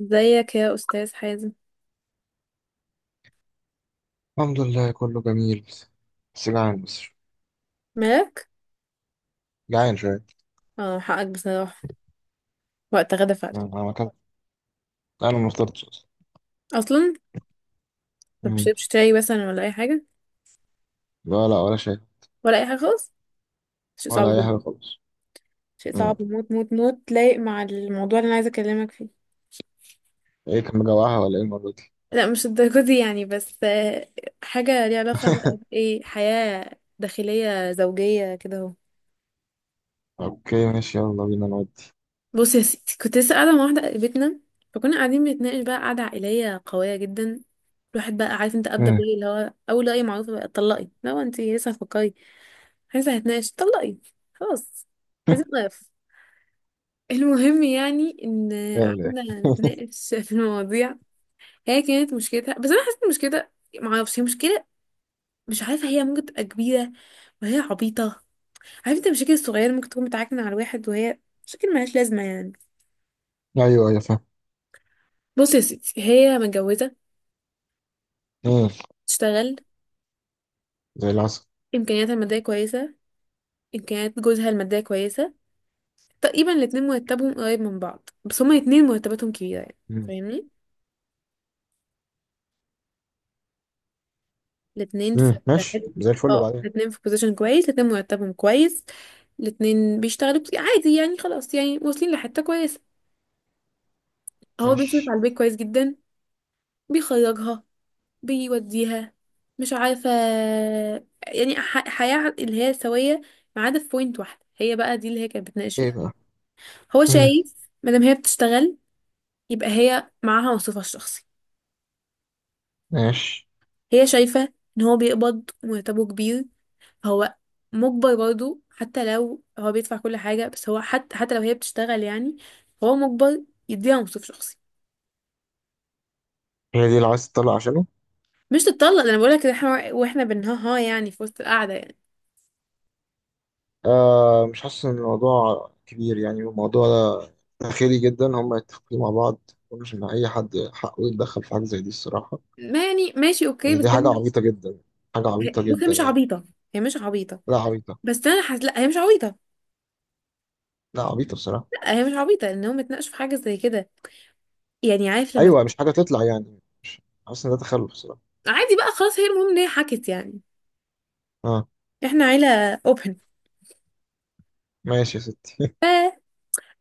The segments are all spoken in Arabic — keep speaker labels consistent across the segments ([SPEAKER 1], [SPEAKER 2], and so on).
[SPEAKER 1] ازيك يا استاذ حازم؟
[SPEAKER 2] الحمد لله، كله جميل، بس جعان، بس
[SPEAKER 1] مالك؟
[SPEAKER 2] جعان شوية.
[SPEAKER 1] اه، حقك بصراحه. وقت غدا فعلا.
[SPEAKER 2] أمم، أنا ما كنت أنا ما فطرتش أصلا.
[SPEAKER 1] اصلا ما
[SPEAKER 2] أمم،
[SPEAKER 1] بتشربش شاي مثلا ولا اي حاجه؟
[SPEAKER 2] لا، لا، ولا شيء.
[SPEAKER 1] ولا اي حاجه خالص؟ شيء صعب
[SPEAKER 2] ولا أي
[SPEAKER 1] جدا.
[SPEAKER 2] حاجة خالص.
[SPEAKER 1] شيء صعب
[SPEAKER 2] أمم،
[SPEAKER 1] موت موت موت، لايق مع الموضوع اللي انا عايزه اكلمك فيه.
[SPEAKER 2] إيه كان مجوعها ولا إيه المرة دي؟
[SPEAKER 1] لا مش الدرجه دي يعني، بس آه، حاجه ليها علاقه بقى بايه، حياه داخليه زوجيه كده اهو.
[SPEAKER 2] أوكي، ماشي، يلا بينا نودي.
[SPEAKER 1] بص يا ستي، كنت لسه قاعدة مع واحدة قريبتنا، فكنا قاعدين بنتناقش بقى قعدة عائلية قوية جدا. الواحد بقى عارف انت أبدأ
[SPEAKER 2] أمم،
[SPEAKER 1] بيه، اللي هو أول رأي معروفة بقى، اتطلقي لو انت لسه هتفكري. عايزة هتناقش؟ اتطلقي. خلاص، عايزة نقف. المهم يعني ان
[SPEAKER 2] لا، لا.
[SPEAKER 1] قعدنا نتناقش في المواضيع. هي كانت مشكلتها، بس انا حسيت إن مشكلتها، معرفش هي مشكلة، مش عارفة هي ممكن تبقى كبيرة وهي عبيطة. عارفة انت المشاكل الصغيرة ممكن تكون بتعكن على الواحد وهي مشاكل ملهاش لازمة يعني.
[SPEAKER 2] أيوه، أيوه، فاهم.
[SPEAKER 1] بص يا ستي، هي متجوزة،
[SPEAKER 2] أمم،
[SPEAKER 1] تشتغل،
[SPEAKER 2] زي العسل.
[SPEAKER 1] امكانياتها الماديه كويسه، امكانيات جوزها الماديه كويسه. تقريبا الاتنين مرتبهم قريب من بعض، بس هما الاتنين مرتباتهم كبيره يعني،
[SPEAKER 2] أمم،
[SPEAKER 1] فاهمني؟ الاتنين في في
[SPEAKER 2] ماشي،
[SPEAKER 1] حتة-
[SPEAKER 2] زي الفل،
[SPEAKER 1] اه،
[SPEAKER 2] وبعدين؟
[SPEAKER 1] الاتنين في بوزيشن كويس، الاتنين مرتبهم كويس، الاتنين بيشتغلوا بس- عادي يعني، خلاص يعني، واصلين لحته كويسه. هو بيصرف
[SPEAKER 2] ماشي،
[SPEAKER 1] على البيت كويس جدا، بيخرجها، بيوديها، مش عارفه، يعني حياه اللي هي سويه. ما عدا في بوينت واحده، هي بقى دي اللي هي كانت بتناقش
[SPEAKER 2] إيه
[SPEAKER 1] فيها.
[SPEAKER 2] بقى؟
[SPEAKER 1] هو
[SPEAKER 2] أمم،
[SPEAKER 1] شايف مادام هي بتشتغل، يبقى هي معاها موصفها الشخصي.
[SPEAKER 2] ماشي.
[SPEAKER 1] هي شايفة ان هو بيقبض ومرتبه كبير، فهو مجبر برضه. حتى لو هو بيدفع كل حاجة، بس هو حتى لو هي بتشتغل يعني، هو مجبر يديها موصف شخصي.
[SPEAKER 2] هي دي اللي عايز تطلع عشانه.
[SPEAKER 1] مش تتطلق، ده انا بقولك إن احنا واحنا بنها ها يعني في وسط القعدة يعني.
[SPEAKER 2] آه، مش حاسس ان الموضوع كبير، يعني الموضوع ده داخلي جدا، هم يتفقوا مع بعض. مش ان اي حد حقه يتدخل في حاجه زي دي الصراحه.
[SPEAKER 1] ما يعني ماشي اوكي،
[SPEAKER 2] يعني
[SPEAKER 1] بس
[SPEAKER 2] دي حاجه
[SPEAKER 1] انا
[SPEAKER 2] عبيطه جدا، حاجه عبيطه
[SPEAKER 1] بص، هي
[SPEAKER 2] جدا
[SPEAKER 1] مش
[SPEAKER 2] يعني.
[SPEAKER 1] عبيطة، هي مش عبيطة.
[SPEAKER 2] لا، عبيطه.
[SPEAKER 1] بس انا حاسة، لا هي مش عبيطة.
[SPEAKER 2] لا، عبيطه بصراحه.
[SPEAKER 1] لا هي مش عبيطة ان هم اتناقشوا في حاجة زي كده. يعني عارف لما
[SPEAKER 2] ايوه،
[SPEAKER 1] تبقى-،
[SPEAKER 2] مش حاجه تطلع، يعني مش حاسس ان ده تخلف بصراحه.
[SPEAKER 1] عادي بقى خلاص، هي المهم ان هي حكت يعني.
[SPEAKER 2] اه،
[SPEAKER 1] احنا عيلة اوبن.
[SPEAKER 2] ماشي يا ستي.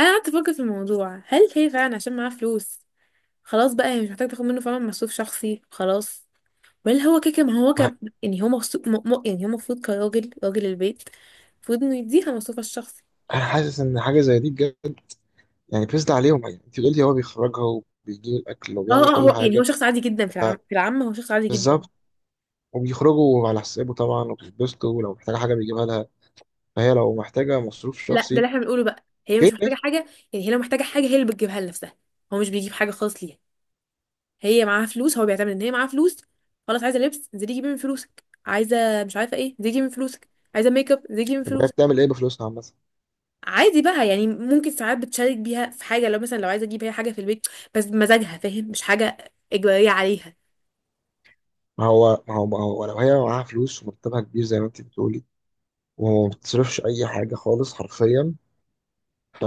[SPEAKER 1] انا قعدت افكر في الموضوع، هل هي فعلا عشان معاها فلوس خلاص بقى هي مش محتاجه تاخد منه فعلا مصروف شخصي؟ خلاص، ولا هو كده كده-، ما هو كان يعني هو مغصوب يعني هو المفروض كراجل، راجل البيت المفروض انه يديها مصروفها الشخصي.
[SPEAKER 2] انا حاسس ان حاجه زي دي بجد، يعني بيسد عليهم، يعني انت بتقولي هو بيخرجها وبيجيب الاكل
[SPEAKER 1] اه
[SPEAKER 2] وبيعمل
[SPEAKER 1] اه،
[SPEAKER 2] كل
[SPEAKER 1] هو يعني هو
[SPEAKER 2] حاجه.
[SPEAKER 1] شخص عادي جدا في العامة، هو شخص عادي جدا.
[SPEAKER 2] بالظبط، وبيخرجوا على حسابه طبعا وبيتبسطوا، ولو محتاجه حاجه بيجيبها لها، فهي لو محتاجة مصروف
[SPEAKER 1] لا ده
[SPEAKER 2] شخصي.
[SPEAKER 1] اللي احنا بنقوله بقى، هي
[SPEAKER 2] كده
[SPEAKER 1] مش محتاجه
[SPEAKER 2] ماشي.
[SPEAKER 1] حاجه. يعني هي لو محتاجه حاجه، هي اللي بتجيبها لنفسها. هو مش بيجيب حاجه خالص ليها. هي معاها فلوس، هو بيعتمد ان هي معاها فلوس. خلاص عايزه لبس، انزلي جيبي من فلوسك، عايزه مش عارفه ايه، انزلي جيبي من فلوسك، عايزه ميك اب، انزلي جيبي من
[SPEAKER 2] طب هي
[SPEAKER 1] فلوسك.
[SPEAKER 2] بتعمل ايه بفلوسها عامة؟
[SPEAKER 1] عادي بقى يعني، ممكن ساعات بتشارك بيها في حاجة، لو مثلا لو عايزة اجيب هي حاجة في البيت، بس بمزاجها، فاهم؟ مش حاجة إجبارية عليها.
[SPEAKER 2] ما هو لو هي معاها فلوس ومرتبها كبير زي ما انت بتقولي، وما بتصرفش اي حاجة خالص حرفيا.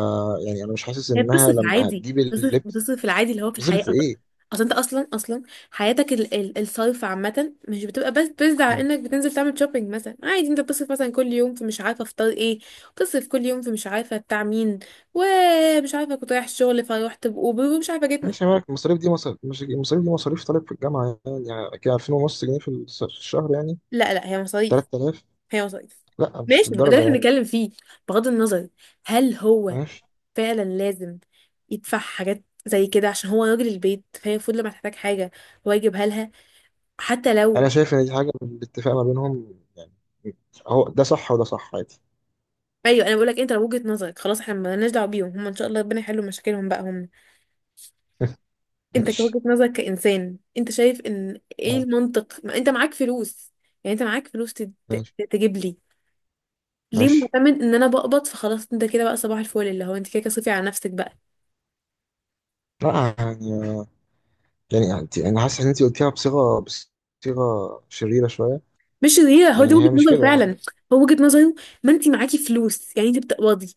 [SPEAKER 2] يعني انا مش حاسس
[SPEAKER 1] هي
[SPEAKER 2] انها
[SPEAKER 1] بتصرف
[SPEAKER 2] لما
[SPEAKER 1] عادي،
[SPEAKER 2] هتجيب
[SPEAKER 1] بتصرف
[SPEAKER 2] اللبس،
[SPEAKER 1] بتصرف العادي اللي هو في الحياة.
[SPEAKER 2] هتصرف في
[SPEAKER 1] أصلا،
[SPEAKER 2] ايه؟
[SPEAKER 1] أصلا انت اصلا حياتك ال الصرف عامة مش بتبقى بس على
[SPEAKER 2] مم.
[SPEAKER 1] انك بتنزل تعمل شوبينج مثلا. عادي انت بتصرف مثلا كل يوم في مش عارفة افطار ايه، بتصرف كل يوم في مش عارفة بتاع مين، ومش عارفة كنت رايح الشغل فروحت بأوبر، ومش عارفة جيت
[SPEAKER 2] ماشي يا مالك، المصاريف دي مصاريف، مش المصاريف دي مصاريف طالب في الجامعة، يعني كده 2000 ونص جنيه في في الشهر يعني.
[SPEAKER 1] لا لا، هي مصاريف،
[SPEAKER 2] 3000.
[SPEAKER 1] هي وظائف.
[SPEAKER 2] لا، مش
[SPEAKER 1] ماشي، ما هو ده اللي
[SPEAKER 2] للدرجة
[SPEAKER 1] احنا
[SPEAKER 2] يعني.
[SPEAKER 1] بنتكلم فيه. بغض النظر، هل هو
[SPEAKER 2] ماشي.
[SPEAKER 1] فعلا لازم يدفع حاجات زي كده عشان هو راجل البيت، فهي المفروض لما تحتاج حاجه هو يجيبها لها، حتى
[SPEAKER 2] انا
[SPEAKER 1] لو.
[SPEAKER 2] شايف ان دي حاجة بالاتفاق ما بينهم، يعني هو ده صح وده صح عادي.
[SPEAKER 1] ايوه انا بقول لك، انت لو وجهه نظرك خلاص، احنا مالناش دعوه بيهم، هم ان شاء الله ربنا يحلوا مشاكلهم بقى هم. انت
[SPEAKER 2] ماشي،
[SPEAKER 1] كوجهه نظرك كانسان، انت شايف ان ايه المنطق؟ ما انت معاك فلوس، يعني انت معاك فلوس
[SPEAKER 2] ماشي،
[SPEAKER 1] تجيب لي. ليه
[SPEAKER 2] ماشي.
[SPEAKER 1] معتمد ان انا بقبض فخلاص انت كده بقى صباح الفل، اللي هو انت كده كده صرفي على نفسك بقى.
[SPEAKER 2] لا، يعني انا حاسس ان انت قلتيها بصيغه شريره شويه.
[SPEAKER 1] مش هي، هو دي
[SPEAKER 2] يعني
[SPEAKER 1] وجهة
[SPEAKER 2] هي مش
[SPEAKER 1] نظره
[SPEAKER 2] كده، انا
[SPEAKER 1] فعلا.
[SPEAKER 2] حاسس.
[SPEAKER 1] هو وجهة نظره، ما انت معاكي فلوس يعني، انت بتقبضي،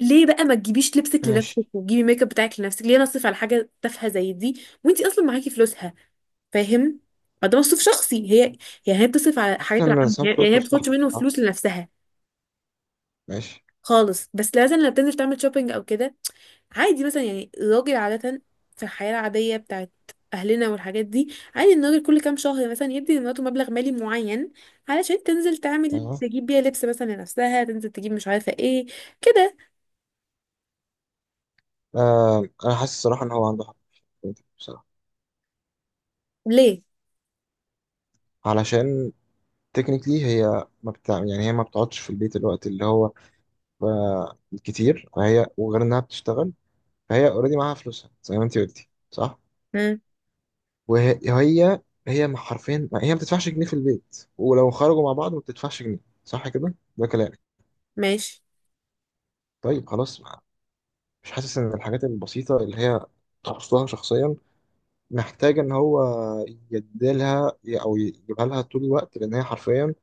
[SPEAKER 1] ليه بقى ما تجيبيش لبسك لنفسك،
[SPEAKER 2] ماشي.
[SPEAKER 1] وتجيبي ميك اب بتاعك لنفسك؟ ليه انا اصرف على حاجة تافهة زي دي وانت اصلا معاكي فلوسها؟ فاهم؟ فده مصروف شخصي هي، يعني هي بتصرف على
[SPEAKER 2] حاسس
[SPEAKER 1] حاجات
[SPEAKER 2] ان
[SPEAKER 1] العامة،
[SPEAKER 2] سام
[SPEAKER 1] يعني هي ما
[SPEAKER 2] سورتو صح
[SPEAKER 1] بتاخدش منه
[SPEAKER 2] بصراحه.
[SPEAKER 1] فلوس لنفسها
[SPEAKER 2] ماشي.
[SPEAKER 1] خالص، بس لازم لما بتنزل تعمل شوبينج او كده. عادي مثلا، يعني الراجل عادة في الحياة العادية بتاعت أهلنا والحاجات دي، عادي إن الراجل كل كام شهر مثلا يدي لمراته مبلغ مالي معين علشان تنزل تعمل
[SPEAKER 2] أيوة.
[SPEAKER 1] تجيب بيها لبس مثلا لنفسها، تنزل تجيب مش عارفة ايه كده.
[SPEAKER 2] آه، انا حاسس الصراحه ان هو عنده حق، بصراحه.
[SPEAKER 1] ليه؟
[SPEAKER 2] علشان تكنيكلي هي ما بتاع يعني هي ما بتقعدش في البيت الوقت اللي هو آه، كتير، فهي وغير انها بتشتغل. فهي اوريدي معاها فلوسها زي ما انت قلتي، صح؟
[SPEAKER 1] مم.
[SPEAKER 2] وهي هي هي حرفيا هي ما بتدفعش جنيه في البيت، ولو خرجوا مع بعض ما بتدفعش جنيه. صح كده، ده كلامك؟
[SPEAKER 1] ماشي.
[SPEAKER 2] طيب، خلاص، ما. مش حاسس ان الحاجات البسيطة اللي هي تخصها شخصيا محتاجة ان هو يديلها او يجيبها لها طول الوقت، لان هي حرفيا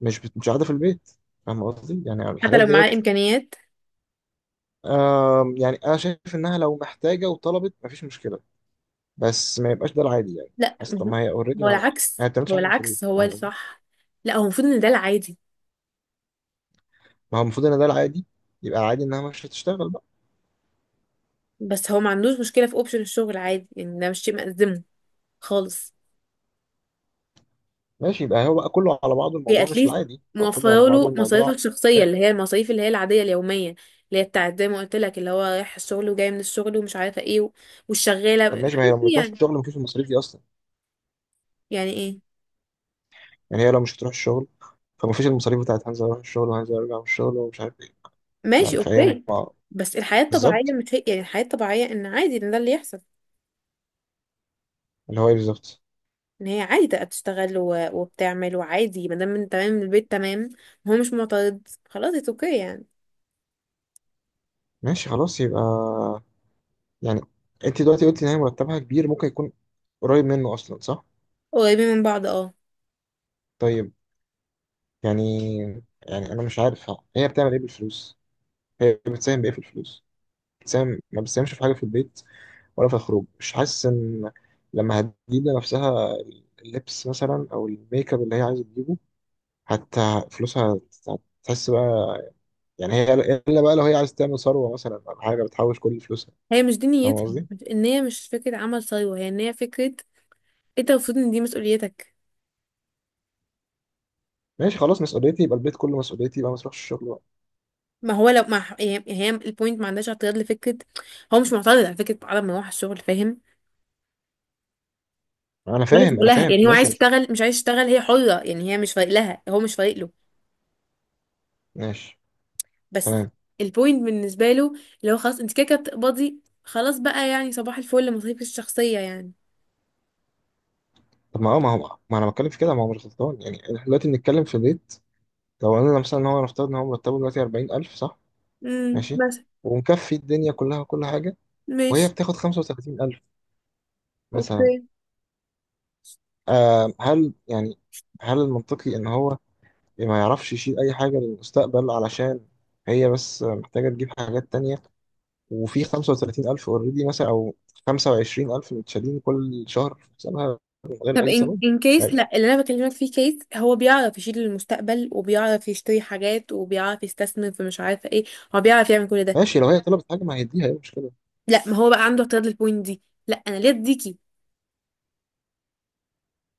[SPEAKER 2] مش قاعدة في البيت، فاهم قصدي؟ يعني
[SPEAKER 1] حتى
[SPEAKER 2] الحاجات
[SPEAKER 1] لو معاه
[SPEAKER 2] ديت.
[SPEAKER 1] إمكانيات.
[SPEAKER 2] يعني انا شايف انها لو محتاجة وطلبت مفيش مشكلة. بس ما يبقاش ده العادي يعني.
[SPEAKER 1] لا
[SPEAKER 2] حاسس، طب
[SPEAKER 1] مهم.
[SPEAKER 2] ما هي اوريدي،
[SPEAKER 1] هو
[SPEAKER 2] ما.
[SPEAKER 1] العكس،
[SPEAKER 2] ما بتعملش
[SPEAKER 1] هو
[SPEAKER 2] حاجة في البيت،
[SPEAKER 1] العكس هو
[SPEAKER 2] فاهم قصدي؟
[SPEAKER 1] الصح. لا هو المفروض إن ده العادي.
[SPEAKER 2] ما هو المفروض ان ده العادي، يبقى العادي انها مش هتشتغل بقى.
[SPEAKER 1] بس هو ما عندوش مشكلة في أوبشن الشغل، عادي يعني، ده مش شيء مأزمه خالص.
[SPEAKER 2] ماشي، يبقى هو بقى كله على بعضه
[SPEAKER 1] هي
[SPEAKER 2] الموضوع، مش
[SPEAKER 1] اتليست
[SPEAKER 2] العادي او كله على
[SPEAKER 1] موفره
[SPEAKER 2] بعضه
[SPEAKER 1] له مصاريفك
[SPEAKER 2] الموضوع.
[SPEAKER 1] الشخصيه،
[SPEAKER 2] آه.
[SPEAKER 1] اللي هي المصاريف اللي هي العاديه اليوميه، اللي هي بتاعت زي ما قلت لك، اللي هو رايح الشغل وجاي من الشغل ومش عارفه ايه والشغاله،
[SPEAKER 2] طب ماشي، ما هي
[SPEAKER 1] الحاجات
[SPEAKER 2] لو ما
[SPEAKER 1] دي
[SPEAKER 2] بتروحش
[SPEAKER 1] يعني.
[SPEAKER 2] الشغل مفيش المصاريف دي اصلا.
[SPEAKER 1] يعني ايه؟
[SPEAKER 2] يعني هي لو مش هتروح الشغل، فمفيش المصاريف بتاعت هنزل اروح الشغل وهنزل ارجع من الشغل ومش عارف ايه.
[SPEAKER 1] ماشي
[SPEAKER 2] يعني فهي،
[SPEAKER 1] اوكي،
[SPEAKER 2] ما.
[SPEAKER 1] بس الحياه الطبيعيه
[SPEAKER 2] بالظبط.
[SPEAKER 1] مش هي يعني، الحياه الطبيعيه ان عادي ان ده اللي يحصل.
[SPEAKER 2] اللي هو ايه بالظبط؟
[SPEAKER 1] ان هي عادي تبقى بتشتغل وبتعمل، وعادي. ما دام انت تمام، من البيت تمام، هو مش معترض، خلاص اتس اوكي يعني.
[SPEAKER 2] ماشي خلاص، يبقى. يعني انت دلوقتي قلت ان هي مرتبها كبير، ممكن يكون قريب منه اصلا، صح؟
[SPEAKER 1] قريبين من بعض اه.
[SPEAKER 2] طيب. يعني. يعني انا مش عارف، هي بتعمل ايه بالفلوس؟ هي بتساهم بايه في الفلوس؟ بتساهم، ما بتساهمش في حاجه في البيت. ولا في الخروج، مش حاسس ان لما هتجيب لنفسها اللبس مثلا او الميك اب اللي هي عايزه تجيبه، حتى فلوسها هتحس بقى. يعني هي الا بقى لو هي عايز تعمل ثروه مثلا، او حاجه بتحوش كل فلوسها.
[SPEAKER 1] هي مش دي
[SPEAKER 2] فاهم
[SPEAKER 1] نيتها،
[SPEAKER 2] قصدي؟
[SPEAKER 1] ان هي مش فكره عمل ثروه، هي ان هي فكره إيه، انت المفروض ان دي مسؤوليتك.
[SPEAKER 2] ماشي خلاص، مسؤوليتي، يبقى البيت كله مسؤوليتي، يبقى ما تروحش الشغل بقى.
[SPEAKER 1] ما هو لو ما هي، هي البوينت، ما عندهاش اعتراض لفكره، هو مش معترض على فكره عدم مروح الشغل، فاهم؟
[SPEAKER 2] انا
[SPEAKER 1] ولا
[SPEAKER 2] فاهم، انا
[SPEAKER 1] شغلها
[SPEAKER 2] فاهم،
[SPEAKER 1] يعني، هو عايز
[SPEAKER 2] ماشي بس.
[SPEAKER 1] يشتغل مش عايز يشتغل، هي حره يعني، هي مش فارق لها، هو مش فارق له.
[SPEAKER 2] ماشي،
[SPEAKER 1] بس
[SPEAKER 2] تمام.
[SPEAKER 1] البوينت بالنسبه له، اللي هو خلاص انت كده كده بتقبضي، خلاص بقى يعني، صباح الفل، مصاريفك الشخصيه يعني.
[SPEAKER 2] طب ما هو ما انا بتكلم في كده، ما هو مش غلطان، يعني احنا دلوقتي بنتكلم في بيت. لو قلنا مثلا ان هو نفترض ان هو مرتبه دلوقتي 40000، صح؟
[SPEAKER 1] امم،
[SPEAKER 2] ماشي.
[SPEAKER 1] مثلا.
[SPEAKER 2] ومكفي الدنيا كلها وكل حاجه. وهي
[SPEAKER 1] ماشي
[SPEAKER 2] بتاخد 35000 مثلا.
[SPEAKER 1] اوكي.
[SPEAKER 2] آه، هل يعني، هل المنطقي ان هو ما يعرفش يشيل اي حاجه للمستقبل، علشان هي بس محتاجه تجيب حاجات تانية، وفي 35000 اوريدي مثلا او 25000 متشالين كل شهر في حسابها، من غير
[SPEAKER 1] طب
[SPEAKER 2] اي
[SPEAKER 1] ان
[SPEAKER 2] سبب؟ مش
[SPEAKER 1] كيس،
[SPEAKER 2] عارف.
[SPEAKER 1] لا اللي انا بكلمك فيه كيس هو بيعرف يشيل المستقبل، وبيعرف يشتري حاجات، وبيعرف يستثمر في مش عارفه ايه، هو بيعرف يعمل كل ده.
[SPEAKER 2] ماشي، لو هي طلبت حاجه ما هيديها، ايه المشكله؟
[SPEAKER 1] لا ما هو بقى عنده اعتراض للبوينت دي، لا انا ليه اديكي.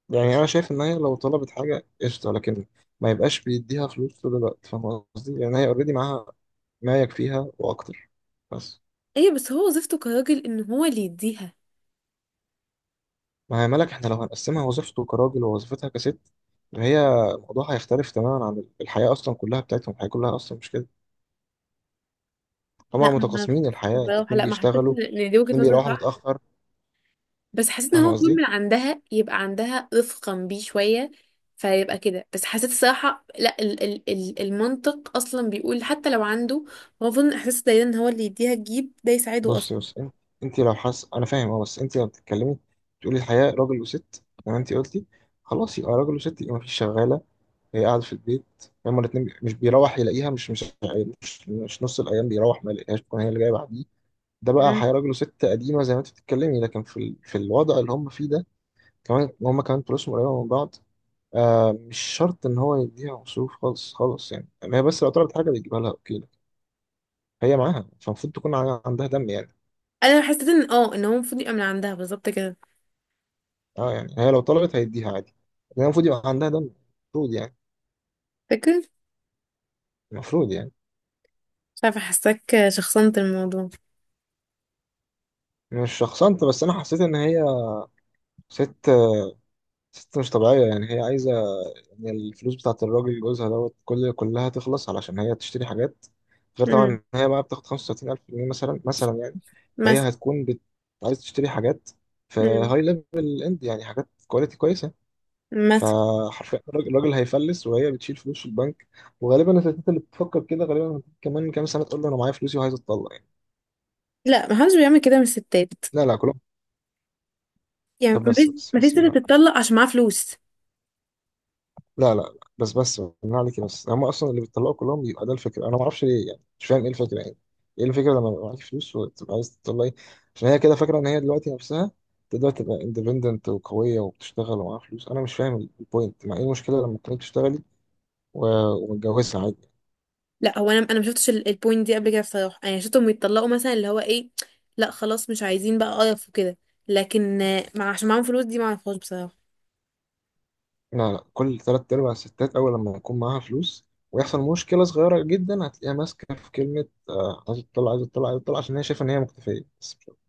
[SPEAKER 2] يعني انا شايف ان هي لو طلبت حاجه قشطه، لكن ما يبقاش بيديها فلوس طول الوقت، فاهم قصدي؟ لان هي اوريدي معاها ما يكفيها واكتر، بس.
[SPEAKER 1] ايوه بس هو وظيفته كراجل ان هو اللي يديها.
[SPEAKER 2] ما هي ملك، احنا لو هنقسمها وظيفته كراجل ووظيفتها كست. هي، الموضوع هيختلف تماما عن الحياة أصلا كلها بتاعتهم، الحياة كلها أصلا مش كده. هما
[SPEAKER 1] لا ما
[SPEAKER 2] متقاسمين الحياة،
[SPEAKER 1] بصراحه،
[SPEAKER 2] الاتنين
[SPEAKER 1] لا ما حسيت
[SPEAKER 2] بيشتغلوا.
[SPEAKER 1] ان إن دي وجهه
[SPEAKER 2] الاتنين
[SPEAKER 1] نظر
[SPEAKER 2] بيروحوا
[SPEAKER 1] صح،
[SPEAKER 2] متأخر.
[SPEAKER 1] بس حسيت ان
[SPEAKER 2] فاهم
[SPEAKER 1] هو المفروض
[SPEAKER 2] قصدي؟
[SPEAKER 1] من عندها يبقى عندها رفقا بيه شويه، فيبقى كده. بس حسيت الصراحه لا، ال المنطق اصلا بيقول حتى لو عنده، هو المفروض إن احساس دايما ان هو اللي يديها تجيب ده يساعده
[SPEAKER 2] بص،
[SPEAKER 1] اصلا.
[SPEAKER 2] بص، انت. انت لو حاسة، أنا فاهم، أه بس انت لو بتتكلمي تقولي الحياة راجل وست زي ما انت قلتي. خلاص، يبقى راجل وست، يبقى مفيش شغالة. هي قاعدة في البيت. هما الاتنين مش بيروح يلاقيها، مش نص الأيام بيروح ما يلاقيهاش، تكون هي اللي جاية بعديه. ده بقى
[SPEAKER 1] مم.
[SPEAKER 2] هيراجلوا ست قديمة زي ما انت بتتكلمي، لكن في الوضع اللي هم فيه ده. كمان هم كمان فلوسهم قريبة من بعض. آه، مش شرط ان هو يديها مصروف خالص خالص، يعني ما هي بس لو طلبت حاجة بيجيبها لها اوكي، لكن. هي معاها، فالمفروض تكون عندها دم يعني.
[SPEAKER 1] انا حسيت ان اه ان هو المفروض يبقى من عندها بالظبط كده.
[SPEAKER 2] اه، يعني هي لو طلبت هيديها عادي. لكن المفروض يبقى عندها دم. المفروض يعني.
[SPEAKER 1] فاكر؟
[SPEAKER 2] المفروض يعني.
[SPEAKER 1] مش عارفه، حاساك شخصنت الموضوع.
[SPEAKER 2] مش شخصنت، بس انا حسيت ان هي ست ست مش طبيعية، يعني هي عايزة. يعني الفلوس بتاعت الراجل جوزها دوت كلها تخلص علشان هي تشتري حاجات. غير طبعا
[SPEAKER 1] امم،
[SPEAKER 2] إن هي بقى بتاخد 35000 جنيه مثلا يعني.
[SPEAKER 1] مثلا.
[SPEAKER 2] فهي هتكون بت. عايز تشتري حاجات. في
[SPEAKER 1] امم،
[SPEAKER 2] هاي ليفل اند، يعني حاجات كواليتي كويسه.
[SPEAKER 1] مثلا.
[SPEAKER 2] فحرفيا الراجل هيفلس، وهي بتشيل فلوس في البنك. وغالبا الستات اللي بتفكر كده غالبا كمان كام سنه تقول له انا معايا فلوسي وعايز اتطلق يعني.
[SPEAKER 1] لا محدش بيعمل كده من الستات،
[SPEAKER 2] لا، لا، كلهم.
[SPEAKER 1] يعني
[SPEAKER 2] طب،
[SPEAKER 1] مفيش،
[SPEAKER 2] بس بس
[SPEAKER 1] مفيش
[SPEAKER 2] بس
[SPEAKER 1] ست
[SPEAKER 2] بالله.
[SPEAKER 1] تتطلق عشان معاها فلوس.
[SPEAKER 2] لا، لا، لا، بس بس بالله عليك، بس هم اصلا اللي بيطلعوا كلهم بيبقى ده الفكره، انا ما اعرفش ليه يعني، مش فاهم ايه الفكره يعني. ايه الفكره لما يبقى معاك فلوس وتبقى عايز تطلعي؟ عشان هي كده فاكره ان هي دلوقتي نفسها تقدر تبقى اندبندنت وقويه وبتشتغل ومعاها فلوس، انا مش فاهم البوينت، مع ايه المشكله لما تكوني بتشتغلي و- ومتجوزه عادي.
[SPEAKER 1] لا هو انا، انا ما شفتش البوينت دي قبل كده بصراحه، انا شفتهم يتطلقوا مثلا، اللي هو ايه، لا خلاص مش عايزين بقى قرف وكده، لكن آه، مع عشان معاهم فلوس دي ما اعرفهاش بصراحه.
[SPEAKER 2] لا، لا، كل تلات ارباع الستات اول لما يكون معاها فلوس. ويحصل مشكله صغيره جدا هتلاقيها ماسكه في كلمه آه، عايزه تطلع، عايزه تطلع، عايزه تطلع، عشان هي شايفه ان هي مكتفيه بس مش أكتر.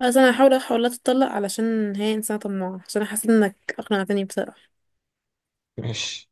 [SPEAKER 1] اصلا انا هحاول، لا تتطلق، علشان هي انسانه طماعه، عشان انا حاسه انك اقنعتني بصراحه.
[SPEAKER 2] ماشي